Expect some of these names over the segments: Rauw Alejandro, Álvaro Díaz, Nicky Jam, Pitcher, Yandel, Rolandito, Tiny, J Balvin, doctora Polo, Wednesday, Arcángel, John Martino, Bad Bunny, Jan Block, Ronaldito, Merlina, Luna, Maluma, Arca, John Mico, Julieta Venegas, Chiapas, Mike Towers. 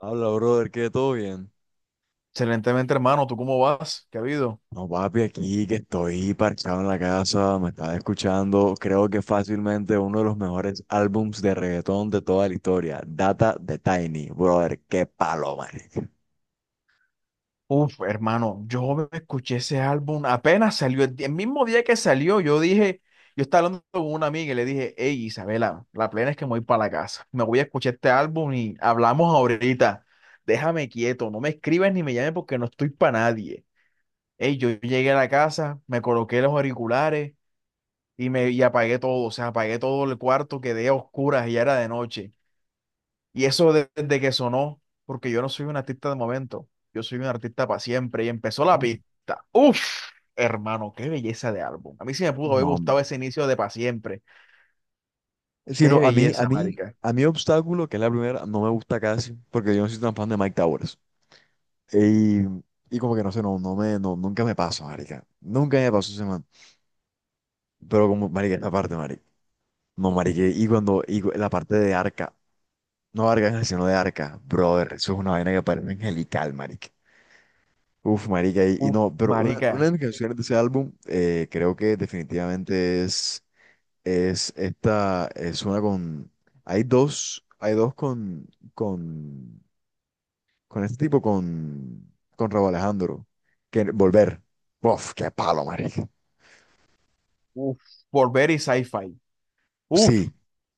Habla, brother, que todo bien. Excelentemente, hermano. ¿Tú cómo vas? ¿Qué ha habido? No, papi, aquí que estoy parchado en la casa, me estaba escuchando, creo que fácilmente uno de los mejores álbums de reggaetón de toda la historia, Data de Tiny, brother, qué palo, marica. Uf, hermano, yo me escuché ese álbum apenas salió. El mismo día que salió, yo dije, yo estaba hablando con una amiga y le dije, hey, Isabela, la plena es que me voy para la casa. Me voy a escuchar este álbum y hablamos ahorita. Déjame quieto, no me escribas ni me llames porque no estoy para nadie. Hey, yo llegué a la casa, me coloqué los auriculares y me y apagué todo. O sea, apagué todo el cuarto, quedé a oscuras y ya era de noche. Y eso desde que sonó, porque yo no soy un artista de momento, yo soy un artista para siempre. Y empezó la pista. Uf, hermano, qué belleza de álbum. A mí sí me pudo haber No, gustado no. ese inicio de para siempre. Qué Sino a mí, a belleza, mí, marica. a mí Obstáculo, que es la primera, no me gusta casi, porque yo no soy tan fan de Mike Towers. Y, y como que no sé, no, no me, no, nunca me pasa, marica. Nunca me pasó ese man. Pero como, marica, esa parte, marica. No, marica, la parte de Arca. No de Arcángel, sino de Arca, brother. Eso es una vaina que parece angelical, marica. Uf, marica, y Uf, no, pero una marica. de mis canciones de ese álbum, creo que definitivamente es esta, es una con, hay dos, con, con este tipo, con Rauw Alejandro, que Volver. Uf, qué palo, marica. Uf, volver y sci-fi. Uf, Sí,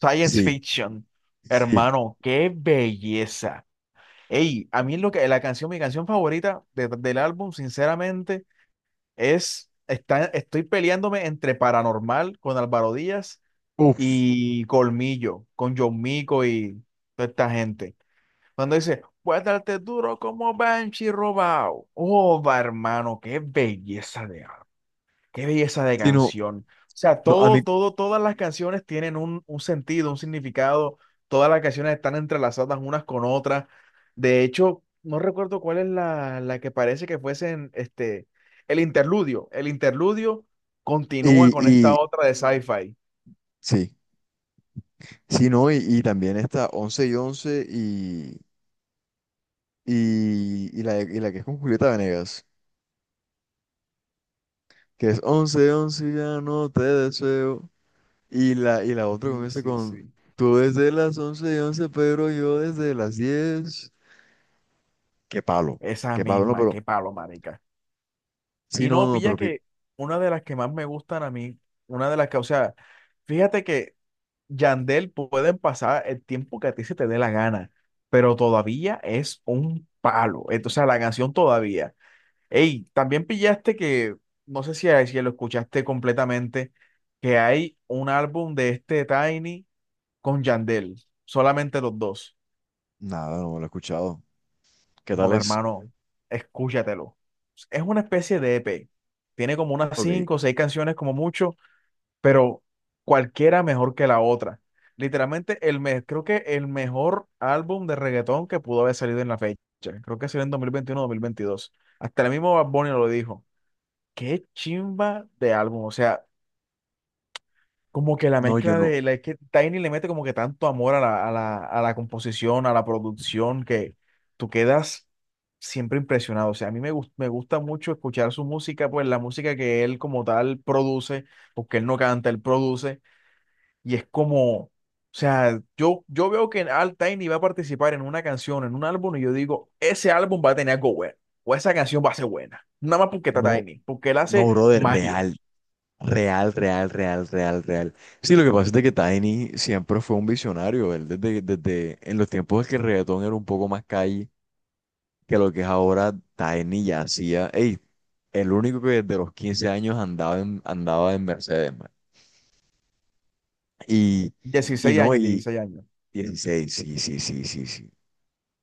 science sí, fiction. sí. Hermano, qué belleza. Ey, a mí lo que la canción, mi canción favorita del álbum, sinceramente, estoy peleándome entre Paranormal con Álvaro Díaz Uf, y Colmillo, con John Mico y toda esta gente. Cuando dice, voy a darte duro como Banshee robado. Oh, va, hermano, qué belleza de sí, no, canción. O sea, no, todas las canciones tienen un sentido, un significado. Todas las canciones están entrelazadas unas con otras. De hecho, no recuerdo cuál es la que parece que fuesen este, el interludio. El interludio continúa con y, esta y, otra de sci-fi. sí. Sí, no, y también esta 11 y 11 y la que es con Julieta Venegas, que es 11 11 ya no te deseo. Y la otra Sí, comienza sí, con sí. tú desde las 11 y 11 pero yo desde las diez. Qué palo, Esa qué palo, no, misma, pero qué palo, marica. sí, Y no, no, no, pilla que una de las que más me gustan a mí, una de las que, o sea, fíjate que Yandel pueden pasar el tiempo que a ti se te dé la gana, pero todavía es un palo. Entonces, la canción todavía. Ey, también pillaste que, no sé si lo escuchaste completamente, que hay un álbum de este Tiny con Yandel, solamente los dos. nada, no lo he escuchado. ¿Qué tal Joder, es? hermano, escúchatelo. Es una especie de EP. Tiene como unas Ok, cinco o seis canciones como mucho, pero cualquiera mejor que la otra. Literalmente, creo que el mejor álbum de reggaetón que pudo haber salido en la fecha. Creo que salió en 2021 o 2022. Hasta el mismo Bad Bunny lo dijo. Qué chimba de álbum. O sea, como que la no, yo mezcla no, es que Tiny le mete como que tanto amor a la composición, a la producción, que tú quedas siempre impresionado. O sea, a mí me gusta mucho escuchar su música, pues la música que él como tal produce, porque él no canta, él produce, y es como, o sea, yo veo que Al Tiny va a participar en una canción, en un álbum, y yo digo, ese álbum va a tener algo bueno, o esa canción va a ser buena, nada más porque está no, Tiny, porque él no, hace brother, magia. real, real, real, real, real, real. Sí, lo que pasa es de que Tiny siempre fue un visionario, él desde, en los tiempos en que el reggaetón era un poco más calle que lo que es ahora Tiny ya hacía, ey, el único que desde los 15 años andaba en, andaba en Mercedes, man. Y, dieciséis no, años, y 16 años. 16, sí, sí, sí, sí, sí.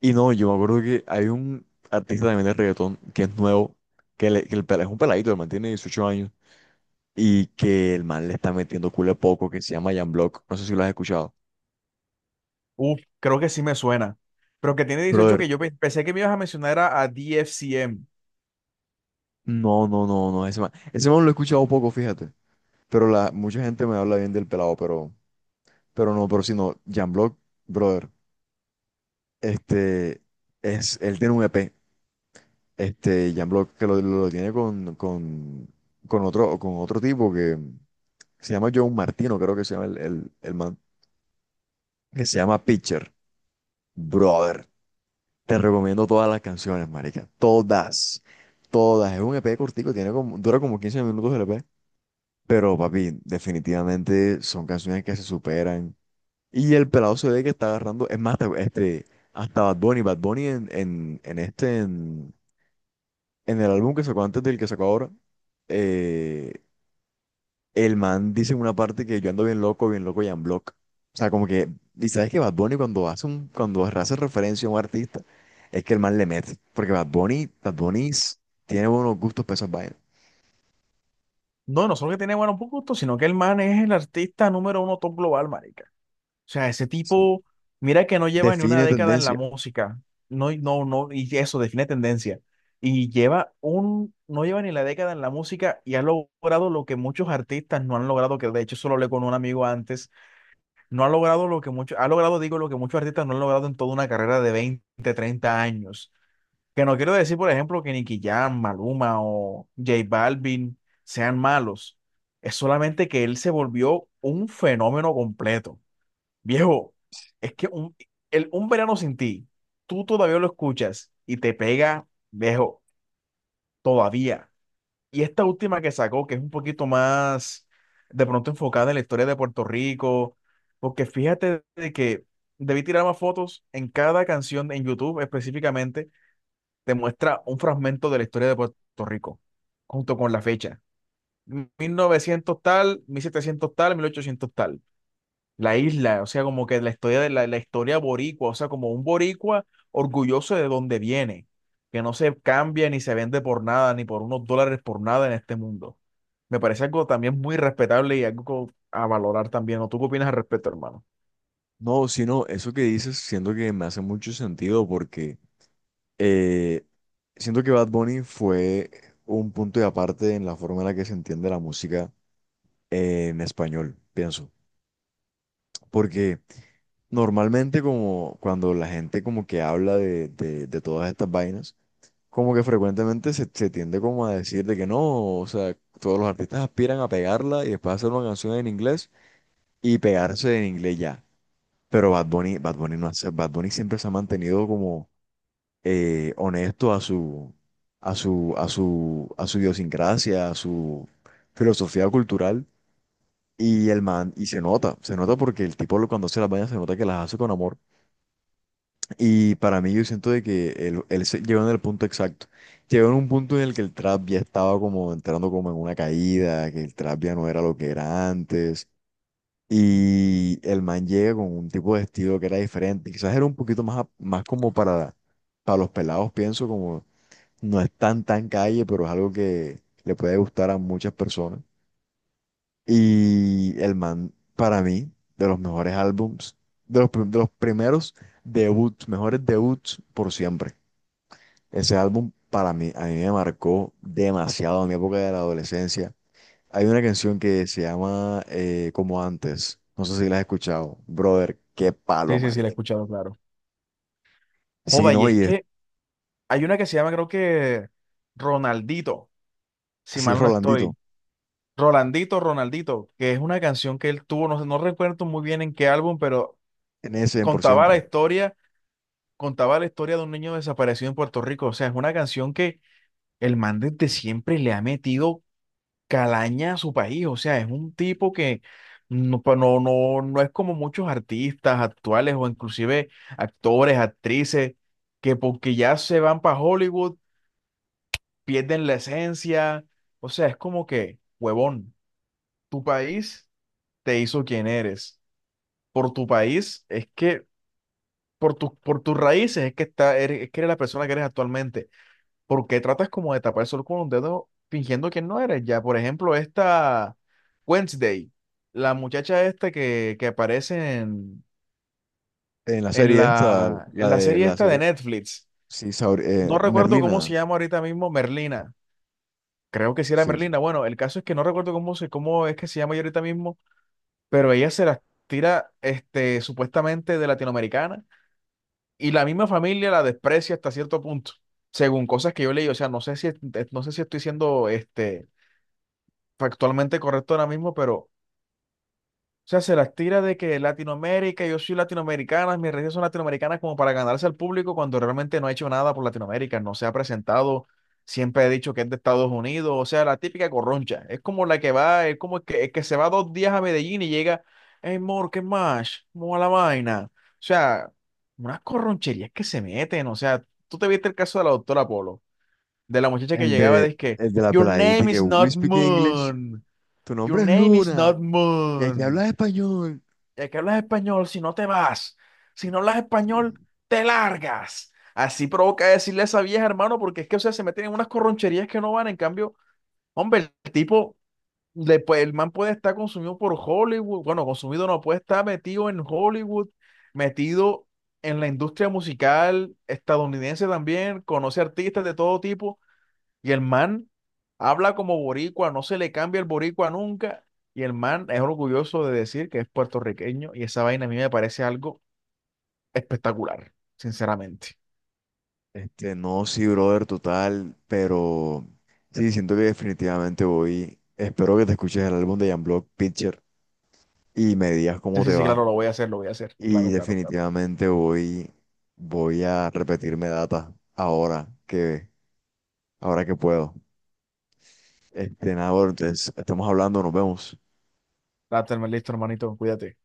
Y no, yo me acuerdo que hay un artista también de reggaetón que es nuevo, que, le- que el, pela- es un peladito, el man tiene 18 años, y que el man le está metiendo culo de poco, que se llama Jan Block, no sé si lo has escuchado. Uf, creo que sí me suena. Pero que tiene 18 Brother, que yo pensé que me ibas a mencionar era a DFCM. no, no, no, no, ese man, lo he escuchado poco, fíjate, pero la, mucha gente me habla bien del pelado, pero... Pero no, pero si no, Jan Block, brother, este, es, él tiene un EP, este, Jan Block, que lo, tiene con, con otro, tipo que se llama John Martino, creo que se llama el man, que se llama Pitcher. Brother, te recomiendo todas las canciones, marica, todas, todas. Es un EP cortico, tiene como, dura como 15 minutos el EP, pero papi, definitivamente son canciones que se superan. Y el pelado se ve que está agarrando, es más, este, hasta Bad Bunny, en este, en el álbum que sacó antes del que sacó ahora, eh, el man dice en una parte que yo ando bien loco y en block. O sea, como que, y sabes que Bad Bunny cuando hace un, cuando hace referencia a un artista, es que el man le mete, porque Bad Bunny, tiene buenos gustos para esas vainas. No, no solo que tiene buenos puntos, sino que el man es el artista número uno top global, marica. O sea, ese Sí. tipo, mira que no lleva ni una Define década en la tendencia. música. No, no, no, y eso define tendencia. Y lleva un, no lleva ni la década en la música y ha logrado lo que muchos artistas no han logrado, que de hecho solo hablé con un amigo antes, no ha logrado lo que muchos, ha logrado, digo, lo que muchos artistas no han logrado en toda una carrera de 20 30 años. Que no quiero decir, por ejemplo, que Nicky Jam, Maluma o J Balvin sean malos. Es solamente que él se volvió un fenómeno completo. Viejo, es que un verano sin ti, tú todavía lo escuchas y te pega, viejo, todavía. Y esta última que sacó, que es un poquito más de pronto enfocada en la historia de Puerto Rico, porque fíjate de que debí tirar más fotos en cada canción en YouTube específicamente te muestra un fragmento de la historia de Puerto Rico, junto con la fecha. 1900 tal, 1700 tal, 1800 tal. La isla, o sea, como que la historia de la historia boricua, o sea, como un boricua orgulloso de donde viene, que no se cambia ni se vende por nada, ni por unos dólares por nada en este mundo. Me parece algo también muy respetable y algo a valorar también. ¿O tú qué opinas al respecto, hermano? No, sino eso que dices, siento que me hace mucho sentido porque eh, siento que Bad Bunny fue un punto de aparte en la forma en la que se entiende la música en español, pienso. Porque normalmente como cuando la gente como que habla de todas estas vainas, como que frecuentemente se, se tiende como a decir de que no, o sea, todos los artistas aspiran a pegarla y después hacer una canción en inglés y pegarse en inglés ya. Pero Bad Bunny, Bad Bunny no hace, Bad Bunny siempre se ha mantenido como honesto a su, a su, a su, a su idiosincrasia, a su filosofía cultural. Y el man, y se nota porque el tipo cuando hace las vainas se nota que las hace con amor. Y para mí yo siento de que él llegó en el punto exacto. Llegó en un punto en el que el trap ya estaba como entrando como en una caída, que el trap ya no era lo que era antes. Y el man llega con un tipo de estilo que era diferente. Quizás era un poquito más, más como para los pelados, pienso, como no es tan tan calle, pero es algo que le puede gustar a muchas personas. Y el man, para mí, de los mejores álbums, de los, de los primeros debuts, mejores debuts por siempre. Ese álbum para mí, a mí me marcó demasiado en mi época de la adolescencia. Hay una canción que se llama Como antes, no sé si la has escuchado. Brother, qué palo, Sí, sí, sí, la he marica. escuchado, claro. Sí, Joda, y no, es y es que hay una que se llama, creo que Ronaldito, si así, mal no Rolandito, estoy. Rolandito, Ronaldito, que es una canción que él tuvo, no recuerdo muy bien en qué álbum, pero en ese, en por contaba la siempre. historia, contaba la historia de un niño desaparecido en Puerto Rico. O sea, es una canción que el man desde siempre le ha metido calaña a su país. O sea, es un tipo que no es como muchos artistas actuales o inclusive actores, actrices, que porque ya se van para Hollywood, pierden la esencia. O sea, es como que, huevón, tu país te hizo quien eres. Por tu país, es que por tus raíces es que eres la persona que eres actualmente. ¿Porque tratas como de tapar el sol con un dedo fingiendo que no eres? Ya, por ejemplo, esta Wednesday, la muchacha esta que aparece en, En la en serie esta, la, en la la de serie la esta de serie. Netflix. Sí, No recuerdo cómo Merlina, se llama ahorita mismo Merlina. Creo que sí era sí, sí. Merlina. Bueno, el caso es que no recuerdo cómo es que se llama ella ahorita mismo, pero ella se las tira este, supuestamente de latinoamericana y la misma familia la desprecia hasta cierto punto, según cosas que yo leí. O sea, no sé si estoy siendo este, factualmente correcto ahora mismo, pero o sea, se las tira de que Latinoamérica, yo soy latinoamericana, mis redes son latinoamericanas como para ganarse al público cuando realmente no ha hecho nada por Latinoamérica, no se ha presentado, siempre he dicho que es de Estados Unidos, o sea, la típica corroncha, es como la que va, es como el que se va dos días a Medellín y llega, hey, mor, ¿qué más? ¿Cómo va la vaina? O sea, unas corroncherías que se meten, o sea, tú te viste el caso de la doctora Polo, de la muchacha que El llegaba, de, de que, el de la your peladita y name que is we not speak English, Moon, tu your nombre es name is Luna not y aquí Moon, hablas español. ya que hablas español, si no te vas, si no hablas Sí, español, sí. te largas. Así provoca decirle a esa vieja, hermano, porque es que, o sea, se meten en unas corroncherías que no van. En cambio, hombre, el tipo, el man puede estar consumido por Hollywood. Bueno, consumido no, puede estar metido en Hollywood, metido en la industria musical estadounidense también, conoce artistas de todo tipo. Y el man habla como boricua, no se le cambia el boricua nunca. Y el man es orgulloso de decir que es puertorriqueño y esa vaina a mí me parece algo espectacular, sinceramente. Este, no, sí, brother, total, pero sí, siento que definitivamente voy. Espero que te escuches el álbum de Jamblog Picture y me digas Sí, cómo sí, te sí, claro, va. lo voy a hacer, lo voy a hacer. Y Claro, claro, claro. definitivamente voy, voy a repetirme data ahora que puedo. Este, nada, brother, entonces, estamos hablando, nos vemos. Date, listo, hermanito, cuídate.